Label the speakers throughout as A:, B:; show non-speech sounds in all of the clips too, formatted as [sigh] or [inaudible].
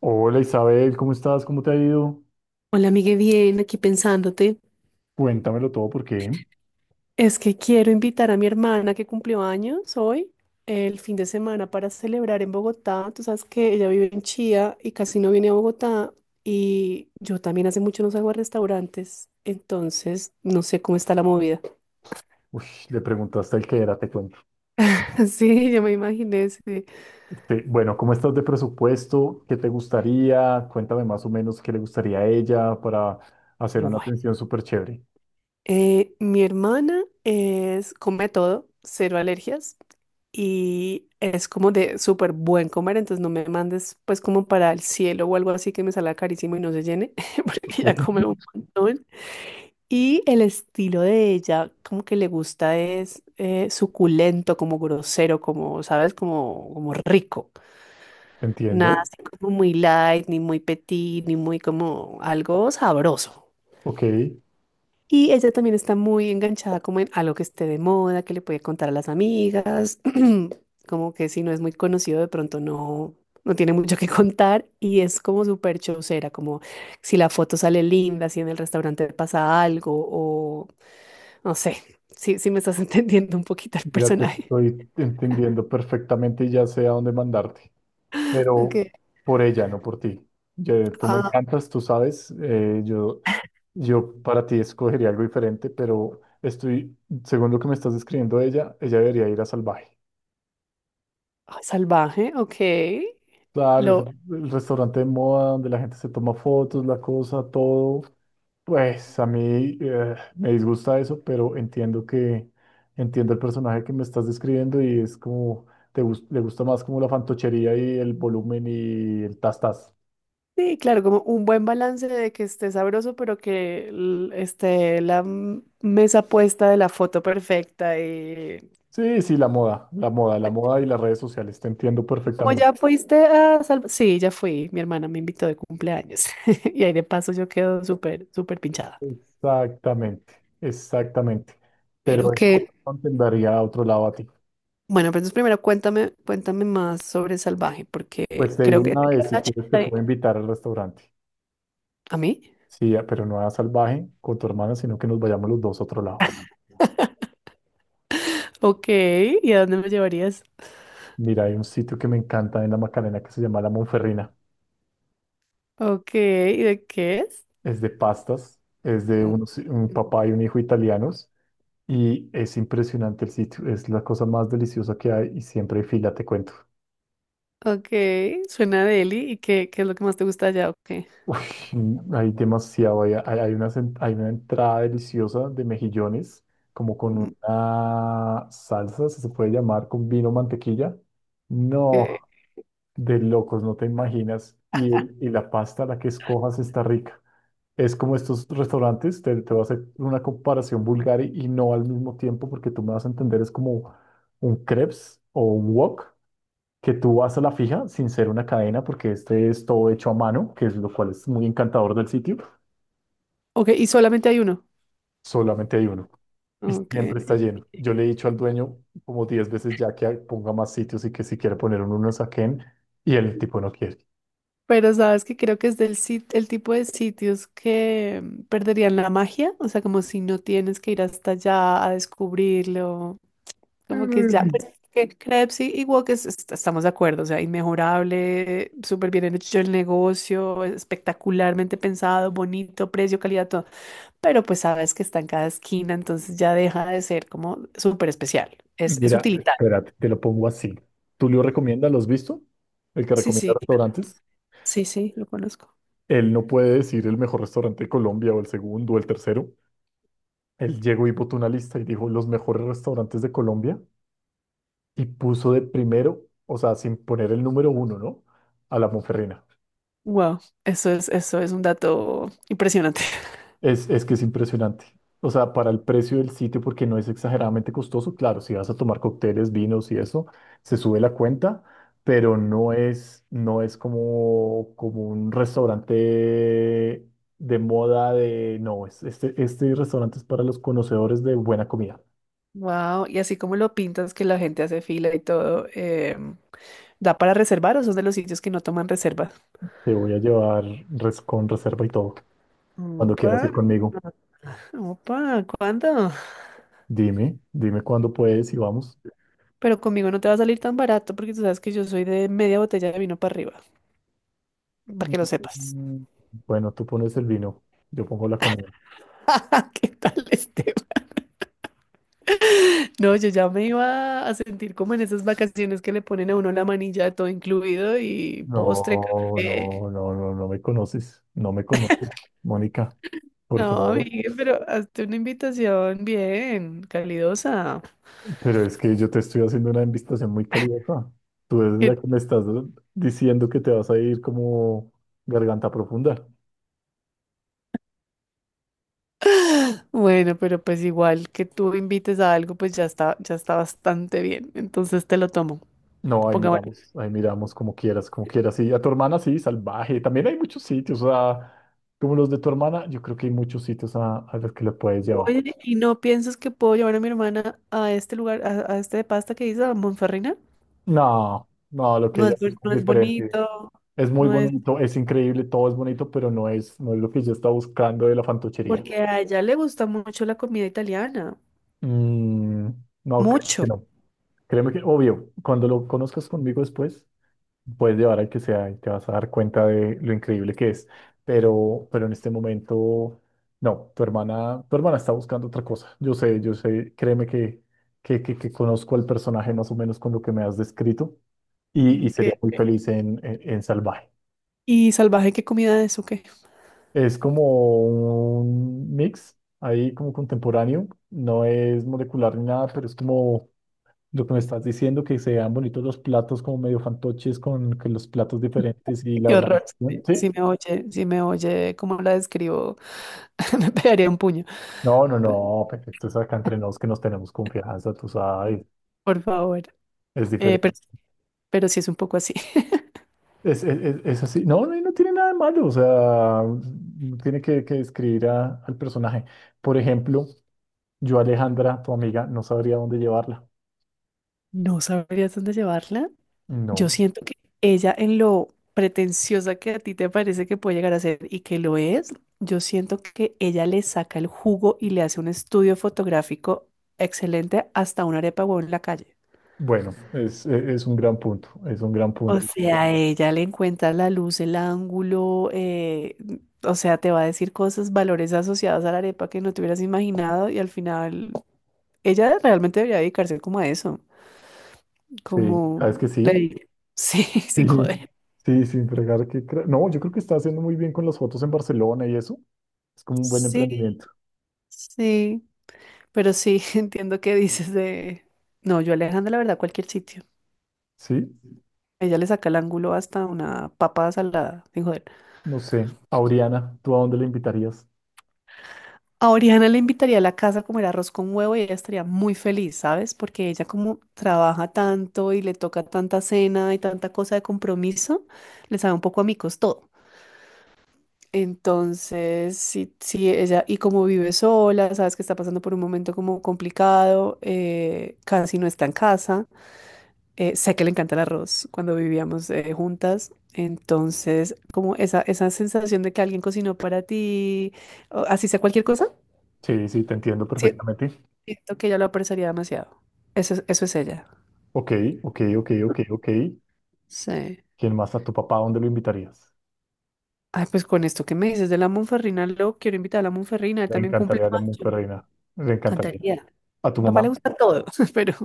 A: Hola Isabel, ¿cómo estás? ¿Cómo te ha ido?
B: Hola, amigue, bien, aquí pensándote.
A: Cuéntamelo todo porque
B: Es que quiero invitar a mi hermana que cumplió años hoy, el fin de semana, para celebrar en Bogotá. Tú sabes que ella vive en Chía y casi no viene a Bogotá. Y yo también hace mucho no salgo a restaurantes, entonces no sé cómo está la movida.
A: ush, le preguntaste el que era, te cuento.
B: [laughs] Sí, yo me imaginé. Sí.
A: Bueno, ¿cómo estás de presupuesto? ¿Qué te gustaría? Cuéntame más o menos qué le gustaría a ella para hacer una
B: Bueno.
A: atención súper chévere.
B: Mi hermana es, come todo, cero alergias y es como de súper buen comer, entonces no me mandes pues como para el cielo o algo así que me salga carísimo y no se llene, [laughs]
A: Ok,
B: porque ya come un
A: [laughs]
B: montón. Y el estilo de ella, como que le gusta es suculento, como grosero, como, ¿sabes? Como rico. Nada
A: entiendo.
B: así como muy light, ni muy petit, ni muy como algo sabroso.
A: Ok,
B: Y ella también está muy enganchada como en algo que esté de moda, que le puede contar a las amigas, [clears throat] como que si no es muy conocido de pronto no, no tiene mucho que contar y es como súper chocera, como si la foto sale linda, si en el restaurante pasa algo o no sé, si me estás [laughs] entendiendo un poquito el
A: mira, te
B: personaje.
A: estoy entendiendo perfectamente y ya sé a dónde mandarte,
B: Ok.
A: pero por ella, no por ti. Tú me
B: Ah,
A: encantas, tú sabes, yo yo para ti escogería algo diferente, pero estoy, según lo que me estás describiendo de ella, ella debería ir a Salvaje.
B: salvaje, ok.
A: Claro, es
B: Lo,
A: el restaurante de moda donde la gente se toma fotos, la cosa, todo. Pues a mí me disgusta eso, pero entiendo que entiendo el personaje que me estás describiendo y es como le gusta más como la fantochería y el volumen y el tas tas.
B: Sí, claro, como un buen balance de que esté sabroso, pero que esté la mesa puesta de la foto perfecta.
A: Sí, sí, la moda, la moda, la moda y las redes sociales, te entiendo
B: Y como
A: perfectamente.
B: ya fuiste a Salva-. Sí, ya fui. Mi hermana me invitó de cumpleaños. [laughs] Y ahí de paso yo quedo súper, súper pinchada.
A: Exactamente, exactamente.
B: Pero
A: Pero de
B: que,
A: corazón te daría a otro lado a ti.
B: bueno, pero entonces primero cuéntame, cuéntame más sobre Salvaje, porque
A: Pues te digo
B: creo que...
A: una
B: te
A: vez,
B: queda
A: si
B: una
A: quieres te
B: chispa
A: puedo
B: de-
A: invitar al restaurante.
B: ¿A mí?
A: Sí, ah, pero no a Salvaje con tu hermana, sino que nos vayamos los dos a otro lado.
B: Ok, ¿y a dónde me llevarías?
A: Mira, hay un sitio que me encanta en la Macarena que se llama La Monferrina.
B: Ok, ¿y de qué es?
A: Es de pastas, es de un papá y un hijo italianos y es impresionante el sitio. Es la cosa más deliciosa que hay y siempre hay fila, te cuento.
B: Ok, suena deli. ¿Y qué es lo que más te gusta allá? Ok.
A: Uy, hay demasiado, hay una, hay una entrada deliciosa de mejillones, como con
B: Ok.
A: una salsa, si se puede llamar, con vino mantequilla. No, de locos, no te imaginas. Y, y la pasta, la que escojas, está rica. Es como estos restaurantes, te voy a hacer una comparación vulgar y no al mismo tiempo, porque tú me vas a entender, es como un crepes o un wok, que tú vas a la fija sin ser una cadena, porque este es todo hecho a mano, que es lo cual es muy encantador del sitio.
B: Ok, y solamente hay uno.
A: Solamente hay uno y
B: Ok.
A: siempre está lleno. Yo le he dicho al dueño como 10 veces ya que ponga más sitios y que si quiere poner uno, no saquen y el tipo no quiere.
B: Pero sabes que creo que es el tipo de sitios que perderían la magia, o sea, como si no tienes que ir hasta allá a descubrirlo, como que ya,
A: Mm.
B: pues, que crepes y Wok estamos de acuerdo, o sea, inmejorable, súper bien hecho el negocio, espectacularmente pensado, bonito, precio, calidad, todo. Pero pues sabes que está en cada esquina, entonces ya deja de ser como súper especial. Es
A: Mira,
B: utilitario.
A: espérate, te lo pongo así. ¿Tú lo recomiendas? ¿Lo has visto? El que
B: Sí,
A: recomienda
B: sí,
A: restaurantes.
B: sí, sí, lo conozco.
A: Él no puede decir el mejor restaurante de Colombia o el segundo o el tercero. Él llegó y botó una lista y dijo los mejores restaurantes de Colombia y puso de primero, o sea, sin poner el número uno, ¿no? A la Monferrina.
B: Wow, eso es un dato impresionante. [laughs]
A: Es que es impresionante. O sea, para el precio del sitio, porque no es exageradamente costoso, claro, si vas a tomar cócteles, vinos y eso, se sube la cuenta, pero no es, no es como, como un restaurante de moda de, no, es, este restaurante es para los conocedores de buena comida.
B: Wow, y así como lo pintas que la gente hace fila y todo. ¿Da para reservar o son de los sitios que no toman reservas?
A: Te voy a llevar con reserva y todo, cuando quieras
B: Opa.
A: ir conmigo.
B: Opa, ¿cuándo?
A: Dime, dime cuándo puedes y vamos.
B: Pero conmigo no te va a salir tan barato porque tú sabes que yo soy de media botella de vino para arriba, para que lo
A: Mm.
B: sepas.
A: Bueno, tú pones el vino, yo pongo la comida.
B: [laughs] ¿Qué tal este? No, yo ya me iba a sentir como en esas vacaciones que le ponen a uno la manilla de todo incluido y postre,
A: No,
B: café.
A: no, no, no, no me conoces, no me conoces, Mónica, por
B: No,
A: favor.
B: amigue, pero hazte una invitación bien, calidosa.
A: Pero es que yo te estoy haciendo una invitación muy calidosa. Tú eres
B: ¿Qué
A: la
B: t-
A: que me estás diciendo que te vas a ir como garganta profunda.
B: Bueno, pero pues igual que tú invites a algo, pues ya está bastante bien. Entonces te lo tomo.
A: No,
B: Pongámosle.
A: ahí miramos como quieras, como quieras. Y a tu hermana sí, salvaje. También hay muchos sitios, o sea, como los de tu hermana, yo creo que hay muchos sitios a los que le puedes llevar.
B: Oye, ¿y no piensas que puedo llevar a mi hermana a este lugar, a este de pasta que dices, a Monferrina?
A: No, no, lo que ella busca es
B: No es
A: diferente.
B: bonito,
A: Es muy
B: no es...
A: bonito, es increíble, todo es bonito, pero no es, no es lo que yo estaba buscando de la fantochería.
B: Porque a ella le gusta mucho la comida italiana.
A: Mm, no, creo
B: Mucho.
A: que no. Créeme que, obvio, cuando lo conozcas conmigo después, puedes llevar al que sea y te vas a dar cuenta de lo increíble que es. Pero en este momento, no, tu hermana está buscando otra cosa. Yo sé, créeme que conozco al personaje más o menos con lo que me has descrito y
B: Ok.
A: sería muy feliz en Salvaje.
B: ¿Y salvaje qué comida es o qué?
A: Es como un mix ahí como contemporáneo, no es molecular ni nada, pero es como lo que me estás diciendo, que se vean bonitos los platos como medio fantoches con los platos
B: [laughs]
A: diferentes y la
B: Qué horror.
A: organización.
B: Si
A: Sí,
B: me oye, si me oye, ¿cómo la describo? [laughs] Me pegaría un puño.
A: no, no,
B: Pe-
A: no, perfecto, es acá entre nos que nos tenemos confianza, tú sabes,
B: Por favor.
A: es
B: Eh, pero,
A: diferente.
B: pero sí es un poco así. [laughs]
A: Es así, no, no, no tiene nada de malo, o sea, no tiene que describir al personaje. Por ejemplo, yo a Alejandra, tu amiga, no sabría dónde llevarla.
B: No sabrías dónde llevarla. Yo
A: No,
B: siento que ella en lo pretenciosa que a ti te parece que puede llegar a ser y que lo es, yo siento que ella le saca el jugo y le hace un estudio fotográfico excelente hasta una arepa o en la calle.
A: bueno, es, es un gran punto, es un gran
B: O
A: punto.
B: sea, ella le encuentra la luz, el ángulo, o sea, te va a decir cosas, valores asociados a la arepa que no te hubieras imaginado y al final ella realmente debería dedicarse como a eso,
A: Sí,
B: como
A: ¿sabes que
B: le
A: sí?
B: dije. Sí, [laughs] sin
A: [laughs]
B: joder.
A: Sí, sí, sin fregar que... No, yo creo que está haciendo muy bien con las fotos en Barcelona y eso. Es como un buen
B: Sí,
A: emprendimiento.
B: sí, pero sí, [laughs] entiendo que dices de... No, yo a Alejandra, la verdad, cualquier sitio.
A: Sí,
B: Ella le saca el ángulo hasta una papa salada, sin joder.
A: no sé. Auriana, ¿tú a dónde le invitarías?
B: A Oriana le invitaría a la casa a comer arroz con huevo y ella estaría muy feliz, ¿sabes? Porque ella como trabaja tanto y le toca tanta cena y tanta cosa de compromiso, le sabe un poco a micos todo. Entonces, sí, sí, ella, y como vive sola, sabes que está pasando por un momento como complicado, casi no está en casa. Sé que le encanta el arroz cuando vivíamos juntas. Entonces, como esa sensación de que alguien cocinó para ti, o así sea cualquier cosa.
A: Sí, sí, te entiendo
B: Sí.
A: perfectamente.
B: Siento que ella lo apreciaría demasiado. Eso es ella.
A: Ok, ok, ok, ok, ok.
B: Sí.
A: ¿Quién más? ¿A tu papá a dónde lo invitarías?
B: Ay, pues con esto que me dices de la Monferrina, lo quiero invitar a la Monferrina, él
A: Le
B: también cumple
A: encantaría la mujer
B: años.
A: reina. Le encantaría.
B: Cantaría.
A: A tu
B: Mi papá le
A: mamá,
B: gusta todo, [laughs] pero.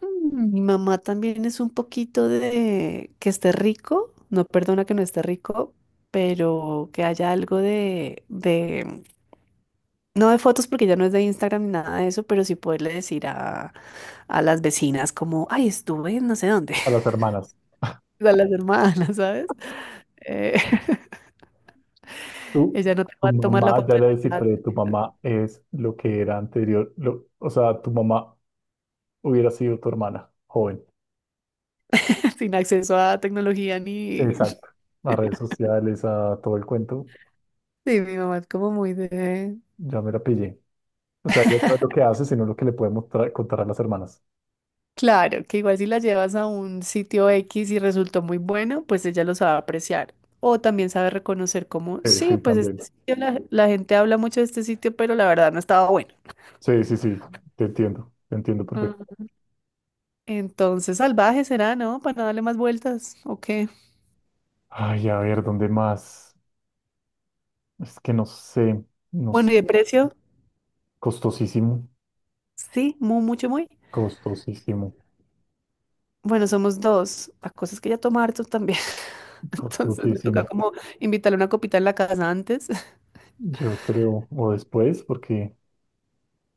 B: Mi mamá también es un poquito de que esté rico, no perdona que no esté rico, pero que haya algo no de fotos porque ya no es de Instagram ni nada de eso, pero sí poderle decir a las vecinas como, ay, estuve en no sé dónde.
A: a las hermanas.
B: A las hermanas, ¿sabes? Eh, [laughs]
A: Tu,
B: ella no te
A: tu
B: va a tomar la
A: mamá,
B: foto
A: ya la
B: del
A: descifré,
B: plato.
A: tu mamá es lo que era anterior, o sea, tu mamá hubiera sido tu hermana, joven.
B: [laughs] Sin acceso a tecnología ni...
A: Exacto.
B: [laughs]
A: A redes sociales, a todo el cuento,
B: Sí, mi mamá es como muy de...
A: ya me la pillé. O sea, ella no es lo que hace, sino lo que le podemos contar a las hermanas.
B: Claro, que igual si la llevas a un sitio X y resultó muy bueno, pues ella lo sabe apreciar. O también sabe reconocer como,
A: Sí,
B: sí,
A: sí,
B: pues
A: también.
B: este sitio, la gente habla mucho de este sitio, pero la verdad no estaba bueno.
A: Sí, sí, sí, te entiendo perfecto.
B: Ajá. Entonces, salvaje será, ¿no? Para no darle más vueltas. O qué.
A: Ay, a ver, ¿dónde más? Es que no sé, no
B: Bueno,
A: sé.
B: ¿y de precio?
A: Costosísimo,
B: Sí, muy, mucho, muy.
A: costosísimo,
B: Bueno, somos dos. La cosa es que ella toma harto también. [laughs] Entonces me toca
A: costosísimo.
B: como invitarle una copita en la casa antes. [laughs]
A: Yo creo, o después, porque...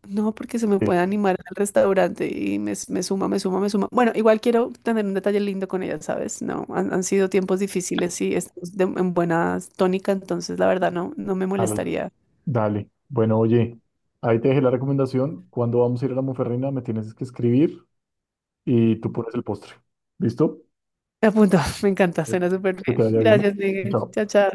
B: No, porque se me
A: sí,
B: puede animar al restaurante y me suma, me suma, me suma. Bueno, igual quiero tener un detalle lindo con ella, ¿sabes? No, han sido tiempos difíciles y estamos en buena tónica, entonces la verdad no, no me molestaría.
A: dale. Bueno, oye, ahí te dejé la recomendación. Cuando vamos a ir a la Monferrina, me tienes que escribir y tú pones el postre. ¿Listo?
B: Me apunto, [laughs] me encanta,
A: Sí.
B: suena súper
A: Que te
B: bien.
A: vaya bien.
B: Gracias, Miguel.
A: Chao.
B: Chao, chao.